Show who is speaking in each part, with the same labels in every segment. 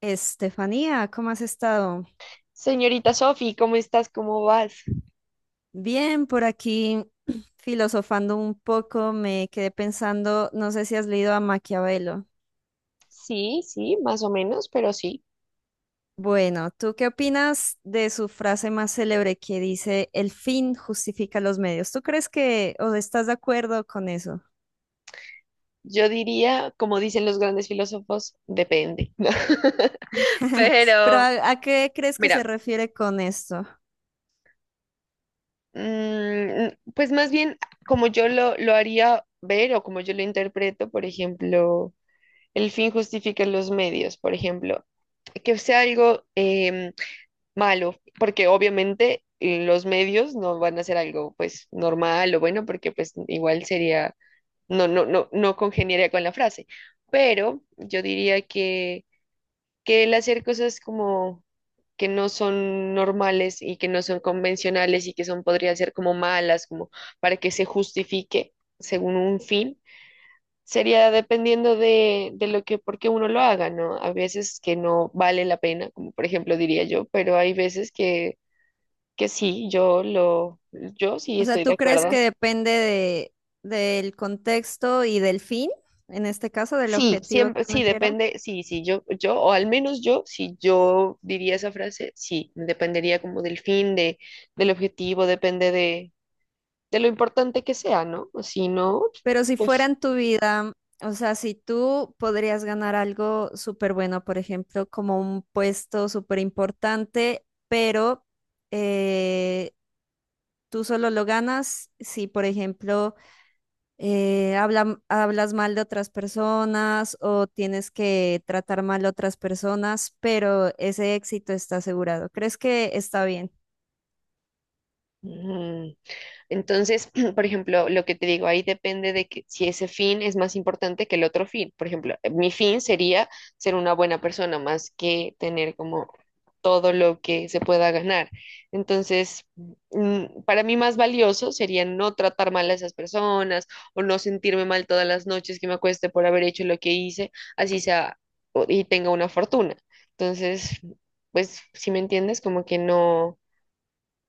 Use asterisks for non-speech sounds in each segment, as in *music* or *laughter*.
Speaker 1: Estefanía, ¿cómo has estado?
Speaker 2: Señorita Sofi, ¿cómo estás? ¿Cómo vas?
Speaker 1: Bien, por aquí *clears throat* filosofando un poco, me quedé pensando, no sé si has leído a Maquiavelo.
Speaker 2: Sí, más o menos, pero sí.
Speaker 1: Bueno, ¿tú qué opinas de su frase más célebre que dice, el fin justifica los medios? ¿Tú crees que o estás de acuerdo con eso?
Speaker 2: Yo diría, como dicen los grandes filósofos, depende. ¿No? *laughs*
Speaker 1: *laughs* Pero
Speaker 2: Pero,
Speaker 1: ¿a qué crees que se
Speaker 2: mira,
Speaker 1: refiere con esto?
Speaker 2: mm, pues más bien como yo lo haría ver o como yo lo interpreto, por ejemplo, el fin justifica los medios, por ejemplo, que sea algo malo, porque obviamente los medios no van a ser algo pues normal o bueno, porque pues igual sería no, no, no, no congeniaría con la frase, pero yo diría que el hacer cosas como que no son normales y que no son convencionales y que son, podrían ser como malas, como para que se justifique según un fin, sería dependiendo de lo que, por qué uno lo haga, ¿no? A veces que no vale la pena, como por ejemplo diría yo, pero hay veces que sí, yo sí
Speaker 1: O sea,
Speaker 2: estoy de
Speaker 1: ¿tú crees que
Speaker 2: acuerdo.
Speaker 1: depende del contexto y del fin, en este caso, del
Speaker 2: Sí,
Speaker 1: objetivo
Speaker 2: siempre,
Speaker 1: que
Speaker 2: sí,
Speaker 1: uno quiera?
Speaker 2: depende, sí, sí, yo, o al menos yo, si yo diría esa frase, sí, dependería como del fin, de, del objetivo, depende de lo importante que sea, ¿no? Si no,
Speaker 1: Pero si fuera
Speaker 2: pues,
Speaker 1: en tu vida, o sea, si tú podrías ganar algo súper bueno, por ejemplo, como un puesto súper importante, pero eh, tú solo lo ganas si, por ejemplo, hablas mal de otras personas o tienes que tratar mal a otras personas, pero ese éxito está asegurado. ¿Crees que está bien?
Speaker 2: mm. Entonces, *clears throat* por ejemplo, lo que te digo, ahí depende de que si ese fin es más importante que el otro fin. Por ejemplo, mi fin sería ser una buena persona más que tener como todo lo que se pueda ganar. Entonces, para mí más valioso sería no tratar mal a esas personas o no sentirme mal todas las noches que me acueste por haber hecho lo que hice, así sea y tenga una fortuna. Entonces, pues si me entiendes, como que no,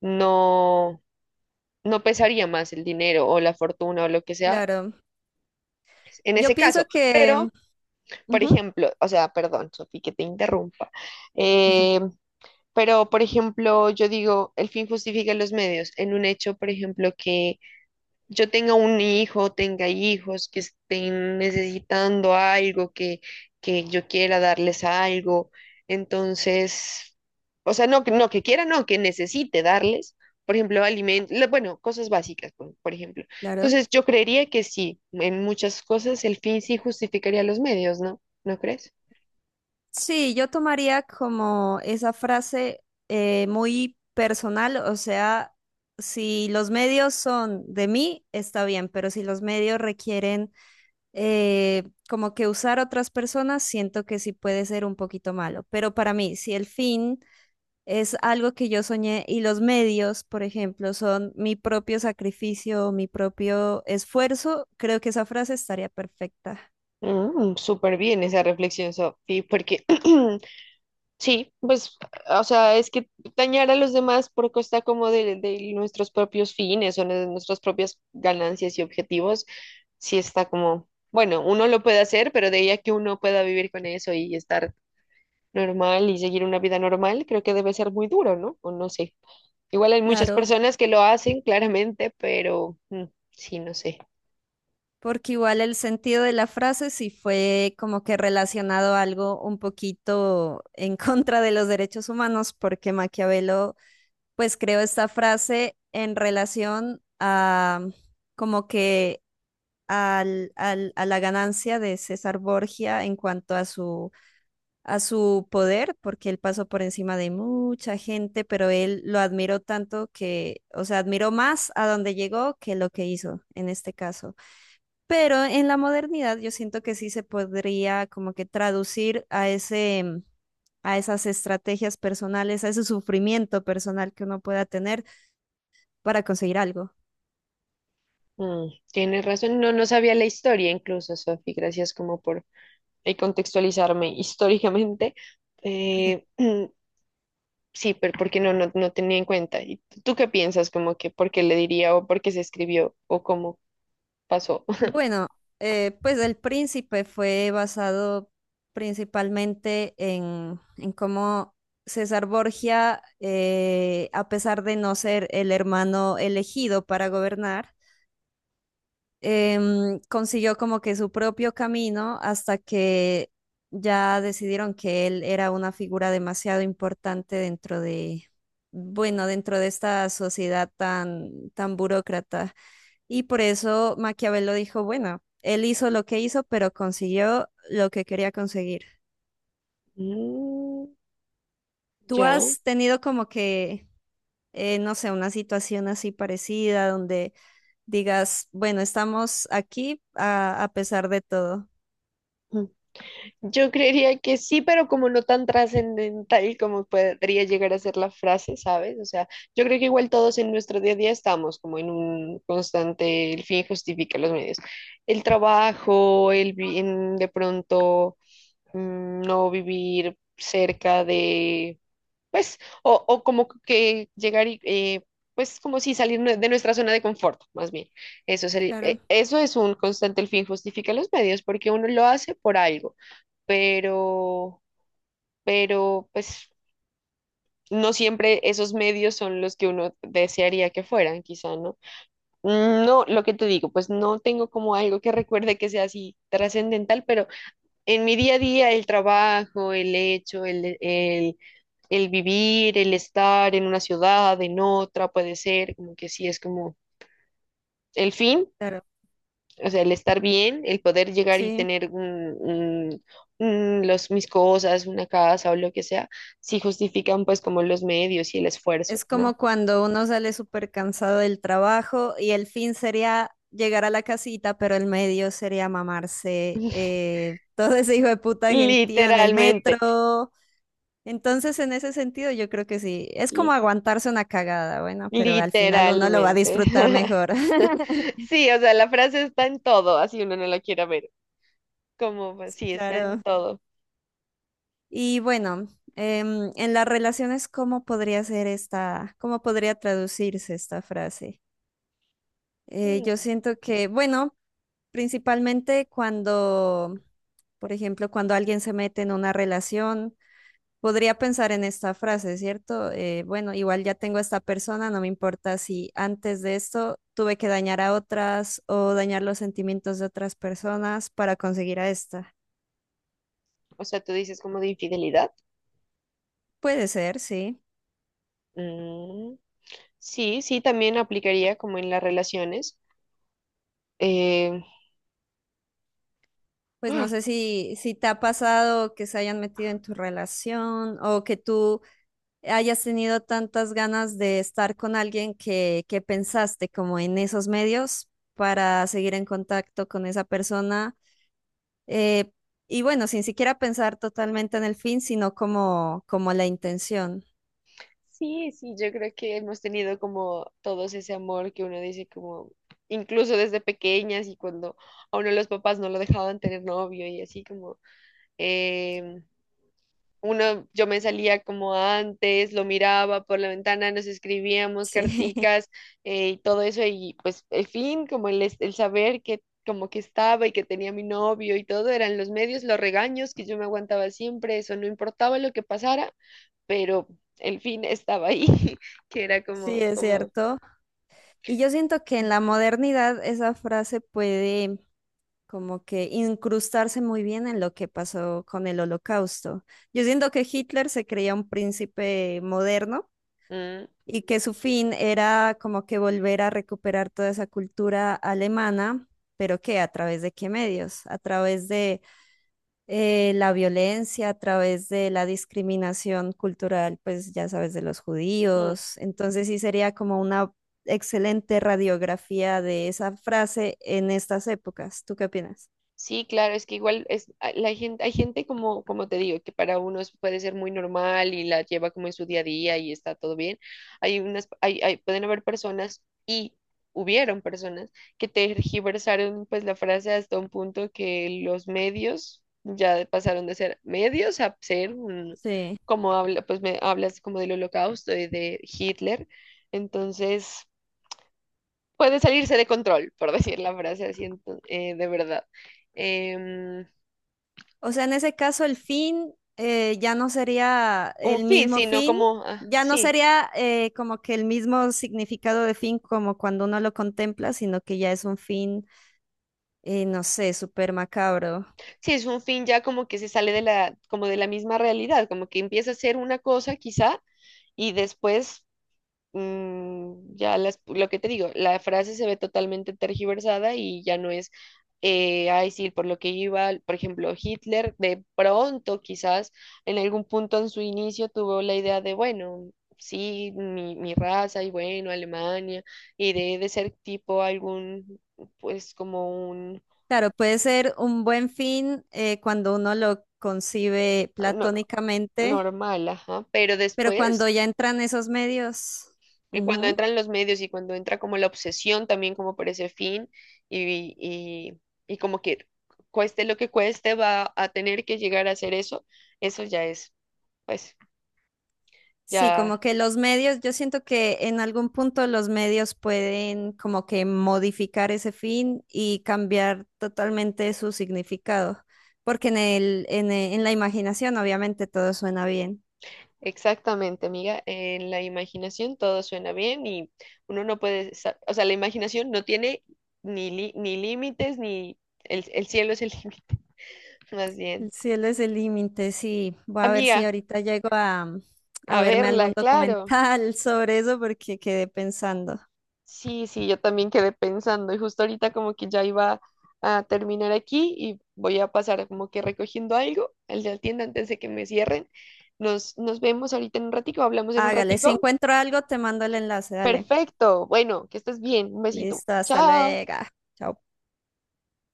Speaker 2: no, no pesaría más el dinero o la fortuna o lo que sea
Speaker 1: Claro.
Speaker 2: en
Speaker 1: Yo
Speaker 2: ese
Speaker 1: pienso
Speaker 2: caso.
Speaker 1: que,
Speaker 2: Pero, por
Speaker 1: ujú,
Speaker 2: ejemplo, o sea, perdón, Sofi, que te interrumpa.
Speaker 1: ujú,
Speaker 2: Eh, Pero, por ejemplo, yo digo, el fin justifica los medios. En un hecho, por ejemplo, que yo tenga un hijo, tenga hijos que estén necesitando algo, que yo quiera darles algo. Entonces, o sea, no, no que quiera, no, que necesite darles, por ejemplo, alimentos, bueno, cosas básicas, por ejemplo.
Speaker 1: claro.
Speaker 2: Entonces, yo creería que sí, en muchas cosas el fin sí justificaría los medios, ¿no? ¿No crees?
Speaker 1: Sí, yo tomaría como esa frase muy personal, o sea, si los medios son de mí, está bien, pero si los medios requieren eh, como que usar otras personas, siento que sí puede ser un poquito malo. Pero para mí, si el fin es algo que yo soñé y los medios, por ejemplo, son mi propio sacrificio, mi propio esfuerzo, creo que esa frase estaría perfecta.
Speaker 2: Mm, súper bien esa reflexión, Sofi, porque *clears throat* sí, pues, o sea, es que dañar a los demás por costa como de nuestros propios fines o de nuestras propias ganancias y objetivos, sí está como, bueno, uno lo puede hacer, pero de ahí a que uno pueda vivir con eso y estar normal y seguir una vida normal, creo que debe ser muy duro, ¿no? O no sé. Igual hay muchas
Speaker 1: Claro.
Speaker 2: personas que lo hacen, claramente, pero sí, no sé.
Speaker 1: Porque igual el sentido de la frase sí fue como que relacionado a algo un poquito *laughs* en contra de los derechos humanos, porque Maquiavelo pues creó esta frase en relación a como que a la ganancia de César Borgia en cuanto a a su poder, porque él pasó por encima de mucha gente, pero él lo admiró tanto que, o sea, admiró más a donde llegó que lo que hizo en este caso. Pero en la modernidad yo siento que sí se podría como que traducir a ese, a esas estrategias personales, a ese sufrimiento personal que uno pueda tener para conseguir algo.
Speaker 2: Mm, tienes razón, no, no sabía la historia incluso, Sofi, gracias como por y contextualizarme históricamente, eh, *clears throat* sí, pero porque no, no, no tenía en cuenta. ¿Y tú qué piensas? Como que por qué le diría o por qué se escribió o cómo pasó. *laughs*
Speaker 1: Bueno, pues El Príncipe fue basado principalmente en cómo César Borgia, a pesar de no ser el hermano elegido para gobernar, consiguió como que su propio camino hasta que ya decidieron que él era una figura demasiado importante dentro de, bueno, dentro de esta sociedad tan, tan burócrata. Y por eso Maquiavelo dijo, bueno, él hizo lo que hizo, pero consiguió lo que quería conseguir.
Speaker 2: Mm,
Speaker 1: ¿Tú
Speaker 2: ya.
Speaker 1: has tenido como que, no sé, una situación así parecida donde digas, bueno, estamos aquí a pesar de todo?
Speaker 2: Mm. Yo creería que sí, pero como no tan trascendental como podría llegar a ser la frase, ¿sabes? O sea, yo creo que igual todos en nuestro día a día estamos como en un constante, el fin justifica los medios. El trabajo, el bien, de pronto no vivir cerca de, pues, o como que llegar y, pues, como si salir de nuestra zona de confort, más bien.
Speaker 1: Claro,
Speaker 2: Eso es un constante, el fin justifica los medios, porque uno lo hace por algo, pero, pero, pues, no siempre esos medios son los que uno desearía que fueran, quizá, ¿no? Mm, no, lo que te digo, pues no tengo como algo que recuerde que sea así trascendental, pero en mi día a día, el trabajo, el hecho, el vivir, el estar en una ciudad, en otra, puede ser, como que sí, es como el fin,
Speaker 1: claro.
Speaker 2: o sea, el estar bien, el poder llegar y
Speaker 1: Sí,
Speaker 2: tener los, mis cosas, una casa o lo que sea, sí justifican pues como los medios y el esfuerzo,
Speaker 1: es
Speaker 2: ¿no?
Speaker 1: como cuando uno sale súper cansado del trabajo y el fin sería llegar a la casita, pero el medio sería mamarse *laughs* todo ese hijo de puta gentío en el
Speaker 2: Literalmente.
Speaker 1: metro. Entonces, en ese sentido, yo creo que sí, es como aguantarse una cagada, bueno, pero al final uno lo va a
Speaker 2: Literalmente.
Speaker 1: disfrutar mejor.
Speaker 2: *laughs*
Speaker 1: *laughs*
Speaker 2: Sí, o sea, la frase está en todo, así uno no la quiera ver. Como, pues, sí, está en
Speaker 1: Claro.
Speaker 2: todo.
Speaker 1: Y bueno, en las relaciones, ¿cómo podría ser esta, cómo podría traducirse esta frase? Yo
Speaker 2: Mm.
Speaker 1: siento que, bueno, principalmente cuando, por ejemplo, cuando alguien se mete en una relación, podría pensar en esta frase, ¿cierto? Bueno, igual ya tengo a esta persona, no me importa si antes de esto tuve que dañar a otras o dañar los sentimientos de otras personas para conseguir a esta.
Speaker 2: O sea, tú dices como de infidelidad.
Speaker 1: Puede ser, sí.
Speaker 2: Mm, sí, sí, también aplicaría como en las relaciones. Eh,
Speaker 1: Pues no
Speaker 2: ah,
Speaker 1: sé si te ha pasado que se hayan metido en tu relación o que tú hayas tenido tantas ganas de estar con alguien que pensaste como en esos medios para seguir en contacto con esa persona. eh, y bueno, sin siquiera pensar totalmente en el fin, sino como, como la intención.
Speaker 2: sí, sí, yo creo que hemos tenido como todos ese amor que uno dice como, incluso desde pequeñas y cuando a uno los papás no lo dejaban tener novio y así como, em, uno, yo me salía como antes, lo miraba por la ventana, nos escribíamos
Speaker 1: Sí,
Speaker 2: carticas y todo eso, y pues el fin, como el saber que como que estaba y que tenía mi novio y todo, eran los medios, los regaños que yo me aguantaba siempre, eso no importaba lo que pasara, pero el fin estaba ahí, *laughs* que era
Speaker 1: *laughs* sí, es cierto. Y yo siento que en la modernidad esa frase puede como que incrustarse muy bien en lo que pasó con el Holocausto. Yo siento que Hitler se creía un príncipe moderno
Speaker 2: mm,
Speaker 1: y que su fin era como que volver a recuperar toda esa cultura alemana, pero qué, a través de qué medios, a través de la violencia, a través de la discriminación cultural, pues ya sabes, de los
Speaker 2: mm.
Speaker 1: judíos. Entonces sí sería como una excelente radiografía de esa frase en estas épocas. ¿Tú qué opinas?
Speaker 2: Sí, claro, es que igual es la gente, hay gente como, como te digo, que para unos puede ser muy normal y la lleva como en su día a día y está todo bien. Hay unas, pueden haber personas y hubieron personas que tergiversaron pues la frase hasta un punto que los medios ya pasaron de ser medios a ser
Speaker 1: Sí.
Speaker 2: como habla, pues me hablas como del Holocausto y de Hitler. Entonces, puede salirse de control, por *laughs* decir la frase así, de verdad. Em,
Speaker 1: O sea, en ese caso el fin ya no sería
Speaker 2: un
Speaker 1: el
Speaker 2: fin,
Speaker 1: mismo
Speaker 2: sino
Speaker 1: fin,
Speaker 2: como, ah,
Speaker 1: ya no
Speaker 2: sí,
Speaker 1: sería como que el mismo significado de fin como cuando uno lo contempla, sino que ya es un fin, no sé, súper macabro.
Speaker 2: sí, es un fin ya como que se sale de la, como de la misma realidad, como que empieza a ser una cosa quizá y después ya lo que te digo, la frase se ve totalmente tergiversada y ya no es, ay, sí, por lo que iba, por ejemplo, Hitler de pronto quizás en algún punto en su inicio tuvo la idea de, bueno, sí, mi raza y bueno, Alemania, y de ser tipo algún, pues como
Speaker 1: Claro, puede ser un buen fin cuando uno lo concibe
Speaker 2: eh, no-
Speaker 1: platónicamente,
Speaker 2: normal, ajá, pero
Speaker 1: pero cuando
Speaker 2: después,
Speaker 1: ya entran esos medios.
Speaker 2: cuando entran los medios y cuando entra como la obsesión también como por ese fin y, y, y como que cueste lo que cueste va a tener que llegar a hacer eso, eso ya es, pues
Speaker 1: Sí,
Speaker 2: ya
Speaker 1: como que los medios, yo siento que en algún punto los medios pueden como que modificar ese fin y cambiar totalmente su significado, porque en el, en la imaginación obviamente todo suena bien.
Speaker 2: exactamente, amiga, en la imaginación todo suena bien y uno no puede, o sea, la imaginación no tiene ni límites ni el cielo es el *laughs* límite, más bien.
Speaker 1: El cielo es el límite, sí. Voy a ver si
Speaker 2: Amiga,
Speaker 1: ahorita llego a
Speaker 2: a
Speaker 1: verme algún
Speaker 2: verla, claro.
Speaker 1: documental *laughs* sobre eso porque quedé pensando.
Speaker 2: Sí, sí, yo también quedé pensando y justo ahorita como que ya iba a terminar aquí y voy a pasar como que recogiendo algo al de la tienda antes de que me cierren. Nos vemos ahorita en un ratico, hablamos en un
Speaker 1: Hágale, si
Speaker 2: ratico.
Speaker 1: encuentro algo, te mando el enlace, dale.
Speaker 2: Perfecto, bueno, que estés bien, un besito.
Speaker 1: Listo, hasta
Speaker 2: Chao.
Speaker 1: luego. Chao.